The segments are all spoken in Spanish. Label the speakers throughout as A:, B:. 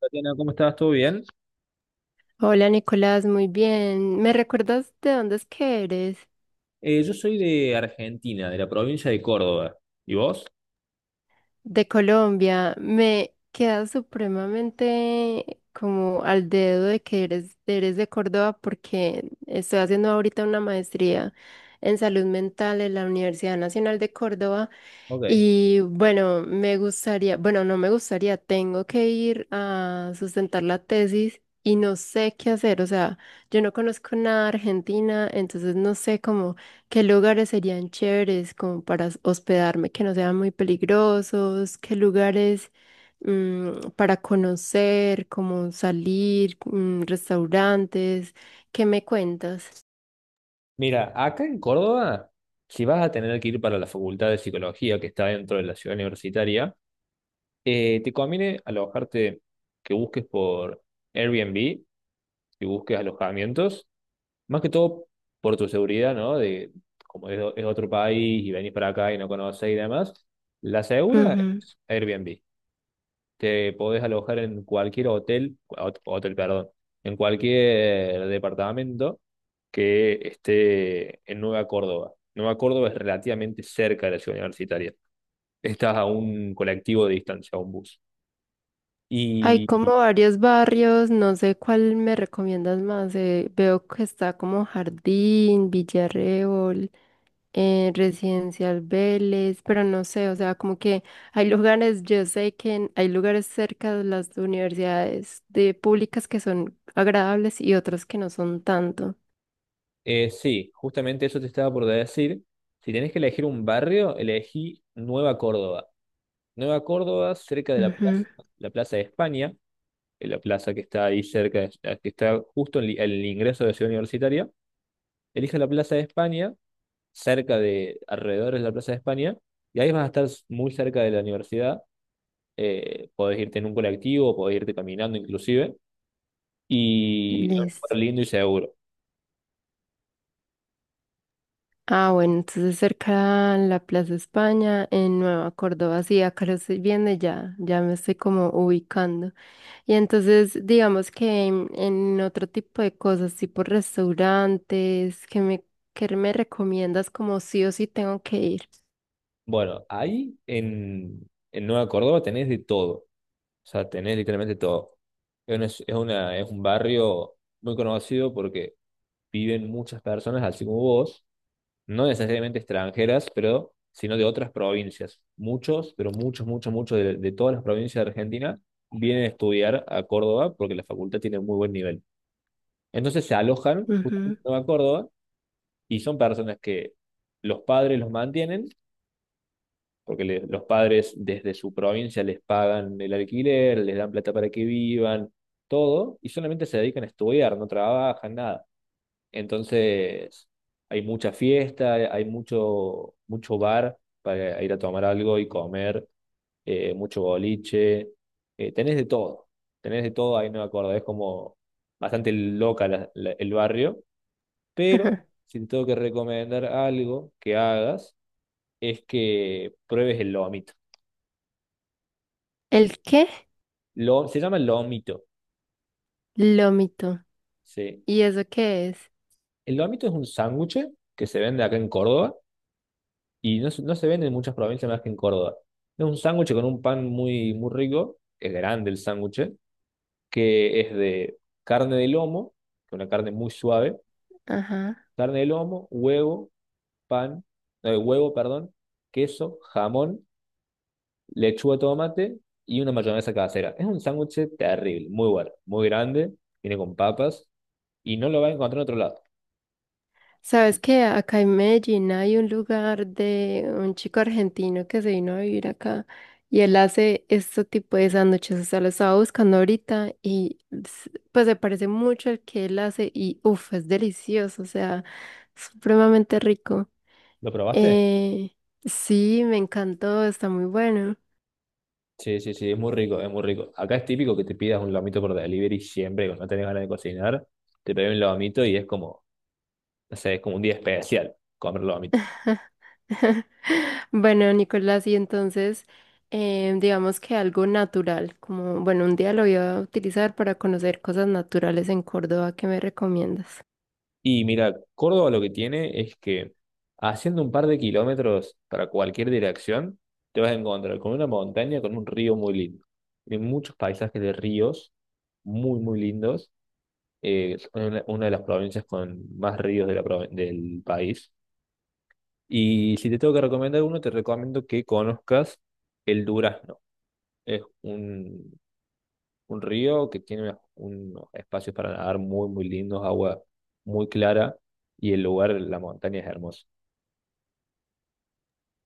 A: Tatiana, ¿cómo estás? ¿Todo bien?
B: Hola Nicolás, muy bien. ¿Me recuerdas de dónde es que eres?
A: Yo soy de Argentina, de la provincia de Córdoba. ¿Y vos?
B: De Colombia. Me queda supremamente como al dedo de que eres de Córdoba porque estoy haciendo ahorita una maestría en salud mental en la Universidad Nacional de Córdoba.
A: Ok.
B: Y bueno, me gustaría, bueno, no me gustaría, tengo que ir a sustentar la tesis y no sé qué hacer, o sea, yo no conozco nada de Argentina, entonces no sé cómo. ¿Qué lugares serían chéveres como para hospedarme que no sean muy peligrosos? ¿Qué lugares para conocer, como salir, restaurantes? ¿Qué me cuentas?
A: Mira, acá en Córdoba, si vas a tener que ir para la Facultad de Psicología que está dentro de la ciudad universitaria, te conviene alojarte, que busques por Airbnb, que busques alojamientos, más que todo por tu seguridad, ¿no? De como es otro país y venís para acá y no conoces y demás, la segura
B: Ujú.
A: es Airbnb. Te podés alojar en cualquier hotel, hotel, perdón, en cualquier departamento que esté en Nueva Córdoba. Nueva Córdoba es relativamente cerca de la ciudad universitaria. Estás a un colectivo de distancia, a un bus.
B: Hay
A: Y
B: como varios barrios, no sé cuál me recomiendas más. Veo que está como Jardín, Villarreal. Residencial Vélez, pero no sé, o sea, como que hay lugares, yo sé que hay lugares cerca de las universidades de públicas que son agradables y otros que no son tanto.
A: sí, justamente eso te estaba por decir. Si tenés que elegir un barrio, elegí Nueva Córdoba. Nueva Córdoba, cerca de
B: Ujú.
A: la Plaza de España, en la plaza que está ahí cerca, que está justo en el ingreso de la ciudad universitaria. Elige la Plaza de España, cerca de, alrededor de la Plaza de España, y ahí vas a estar muy cerca de la universidad. Podés irte en un colectivo, podés irte caminando inclusive, y es un lugar
B: Listo.
A: lindo y seguro.
B: Ah, bueno, entonces cerca a la Plaza España, en Nueva Córdoba, sí, acá lo estoy viendo y ya, ya me estoy como ubicando. Y entonces, digamos que en otro tipo de cosas, tipo restaurantes, ¿que me recomiendas como sí o sí tengo que ir?
A: Bueno, ahí en Nueva Córdoba tenés de todo, o sea, tenés literalmente todo. Es un barrio muy conocido porque viven muchas personas así como vos, no necesariamente extranjeras, pero sino de otras provincias. Muchos, pero muchos, muchos, muchos de todas las provincias de Argentina vienen a estudiar a Córdoba porque la facultad tiene muy buen nivel. Entonces se alojan
B: Ujú.
A: justamente en Nueva Córdoba y son personas que los padres los mantienen, porque los padres desde su provincia les pagan el alquiler, les dan plata para que vivan, todo, y solamente se dedican a estudiar, no trabajan, nada. Entonces, hay mucha fiesta, hay mucho, mucho bar para ir a tomar algo y comer, mucho boliche. Tenés de todo, tenés de todo, ahí no me acuerdo, es como bastante loca el barrio, pero si te tengo que recomendar algo que hagas, es que pruebes el lomito.
B: ¿El qué?
A: Lo, se llama lomito,
B: Lómito.
A: sí.
B: ¿Y eso qué es?
A: El lomito es un sándwich que se vende acá en Córdoba y no, no se vende en muchas provincias más que en Córdoba. Es un sándwich con un pan muy, muy rico, es grande el sándwich, que es de carne de lomo, que es una carne muy suave,
B: Ajá.
A: carne de lomo, huevo, pan, huevo, perdón, queso, jamón, lechuga, tomate y una mayonesa casera. Es un sándwich terrible, muy bueno, muy grande, viene con papas y no lo vas a encontrar en otro lado.
B: Sabes que acá en Medellín hay un lugar de un chico argentino que se vino a vivir acá y él hace este tipo de sándwiches. O sea, lo estaba buscando ahorita y pues se parece mucho al que él hace y uff, es delicioso, o sea, supremamente rico.
A: ¿Lo probaste?
B: Eh, sí, me encantó, está muy bueno.
A: Sí, sí, sí, es muy rico, es muy rico. Acá es típico que te pidas un lomito por delivery siempre, cuando no tenés ganas de cocinar, te pedís un lomito y es como, no sé, es como un día especial comer lomito.
B: Bueno, Nicolás, y entonces, digamos que algo natural, como, bueno, un día lo voy a utilizar para conocer cosas naturales en Córdoba, ¿qué me recomiendas?
A: Y mira, Córdoba lo que tiene es que haciendo un par de kilómetros para cualquier dirección, te vas a encontrar con una montaña, con un río muy lindo. Hay muchos paisajes de ríos muy, muy lindos. Una de las provincias con más ríos de la, del país. Y si te tengo que recomendar uno, te recomiendo que conozcas el Durazno. Es un río que tiene unos espacios para nadar muy, muy lindos, agua muy clara y el lugar, la montaña es hermosa.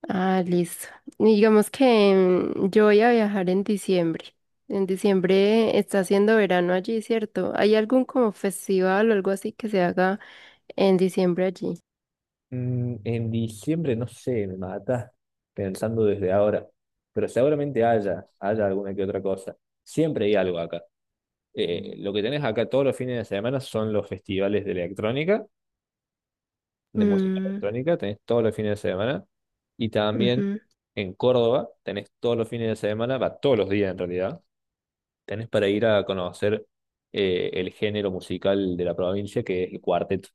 B: Ah, listo. Digamos que yo voy a viajar en diciembre. En diciembre está haciendo verano allí, ¿cierto? ¿Hay algún como festival o algo así que se haga en diciembre allí?
A: En diciembre, no sé, me mata pensando desde ahora, pero seguramente haya alguna que otra cosa. Siempre hay algo acá. Lo que tenés acá todos los fines de semana son los festivales de electrónica de música
B: Mm.
A: electrónica, tenés todos los fines de semana. Y también
B: Ujú.
A: en Córdoba, tenés todos los fines de semana, va todos los días en realidad, tenés para ir a conocer el género musical de la provincia, que es el cuarteto.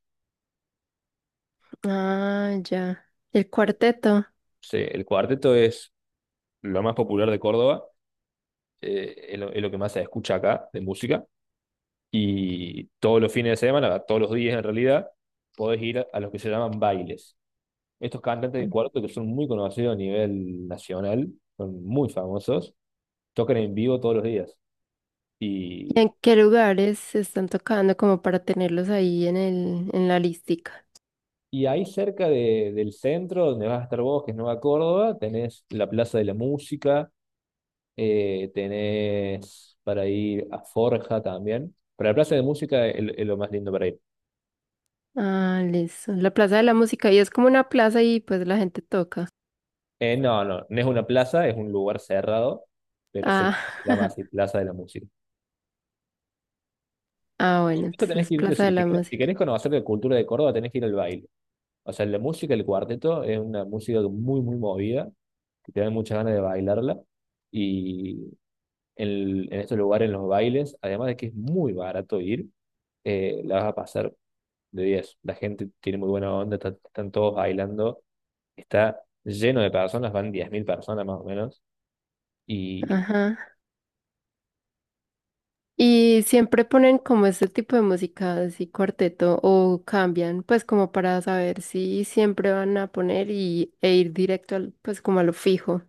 B: Ah, ya. El cuarteto.
A: Sí, el cuarteto es lo más popular de Córdoba, es lo que más se escucha acá de música. Y todos los fines de semana, va todos los días en realidad, podés ir a los que se llaman bailes. Estos cantantes de cuarteto que son muy conocidos a nivel nacional, son muy famosos, tocan en vivo todos los días.
B: ¿Y
A: Y,
B: en qué lugares se están tocando como para tenerlos ahí en en la listica?
A: y ahí cerca del centro, donde vas a estar vos, que es Nueva Córdoba, tenés la Plaza de la Música, tenés para ir a Forja también. Pero la Plaza de Música es lo más lindo para ir.
B: Ah, listo. La Plaza de la Música. Y es como una plaza y pues la gente toca.
A: No, no, no es una plaza, es un lugar cerrado, pero se
B: Ah.
A: llama así Plaza de la Música.
B: Ah, bueno,
A: Eso tenés
B: entonces
A: que ir, sí o
B: Plaza de
A: sí. Si
B: la
A: querés, si querés
B: Música.
A: conocer la cultura de Córdoba, tenés que ir al baile. O sea, la música, el cuarteto, es una música muy, muy movida que te dan muchas ganas de bailarla. Y en estos lugares, en los bailes, además de que es muy barato ir, la vas a pasar de diez. La gente tiene muy buena onda, están todos bailando, está lleno de personas, van 10.000 personas más o menos. Y
B: Ajá. Y siempre ponen como este tipo de música, así cuarteto, o cambian, pues como para saber si siempre van a poner y, e ir directo al, pues como a lo fijo.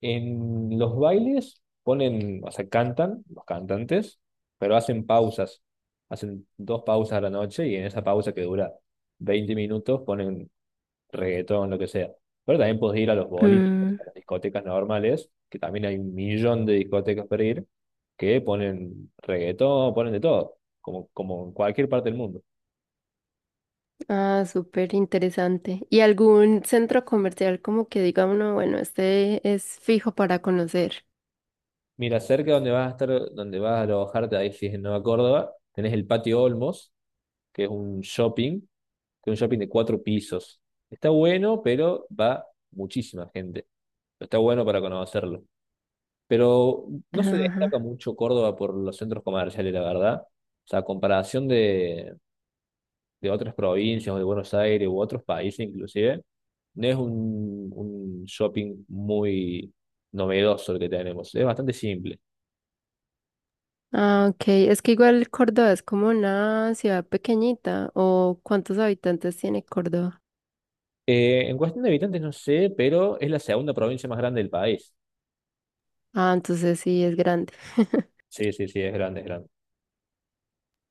A: en los bailes ponen, o sea, cantan los cantantes, pero hacen pausas. Hacen 2 pausas a la noche y en esa pausa que dura 20 minutos ponen reggaetón, lo que sea. Pero también puedes ir a los boliches,
B: Mm.
A: a las discotecas normales, que también hay un millón de discotecas para ir, que ponen reggaetón, ponen de todo, como, como en cualquier parte del mundo.
B: Ah, súper interesante. ¿Y algún centro comercial como que diga uno, bueno, este es fijo para conocer?
A: Mira, cerca donde vas a estar, donde vas a alojarte, ahí si es en Nueva Córdoba, tenés el Patio Olmos, que es un shopping, que es un shopping de 4 pisos. Está bueno, pero va muchísima gente. Está bueno para conocerlo. Pero no se destaca
B: Ajá.
A: mucho Córdoba por los centros comerciales, la verdad. O sea, a comparación de otras provincias o de Buenos Aires u otros países inclusive, no es un shopping muy novedoso el que tenemos. Es bastante simple.
B: Ah, ok. Es que igual Córdoba es como una ciudad pequeñita. ¿O cuántos habitantes tiene Córdoba?
A: En cuestión de habitantes no sé, pero es la segunda provincia más grande del país.
B: Ah, entonces sí, es grande.
A: Sí, sí, sí, es grande, es grande.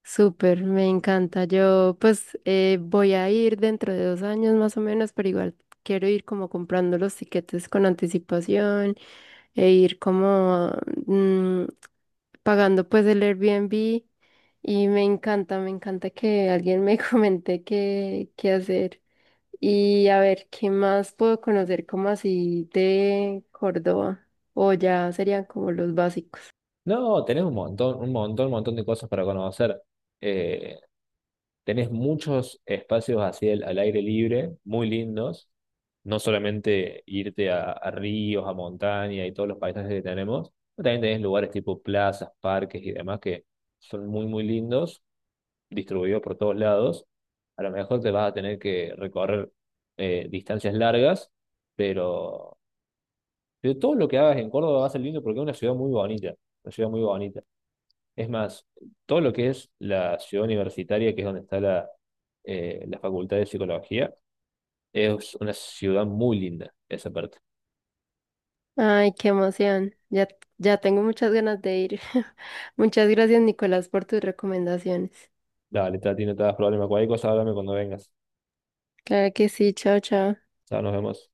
B: Súper, me encanta. Yo pues voy a ir dentro de 2 años más o menos, pero igual quiero ir como comprando los tiquetes con anticipación e ir como, mm, pagando pues el Airbnb y me encanta que alguien me comente qué hacer. Y a ver, ¿qué más puedo conocer como así de Córdoba? O ya serían como los básicos.
A: No, tenés un montón, un montón, un montón de cosas para conocer. Eh, Tenés muchos espacios así al aire libre, muy lindos. No solamente irte a ríos, a montaña y todos los paisajes que tenemos, pero también tenés lugares tipo plazas, parques y demás que son muy, muy lindos, distribuidos por todos lados. A lo mejor te vas a tener que recorrer distancias largas, pero, pero todo lo que hagas en Córdoba va a ser lindo porque es una ciudad muy bonita, una ciudad muy bonita. Es más, todo lo que es la ciudad universitaria, que es donde está la, la Facultad de Psicología, es una ciudad muy linda, esa parte.
B: Ay, qué emoción. Ya, ya tengo muchas ganas de ir. Muchas gracias, Nicolás, por tus recomendaciones.
A: Dale, Tati, no te das problema. Cualquier cosa, háblame cuando vengas.
B: Claro que sí, chao, chao.
A: Chao, nos vemos.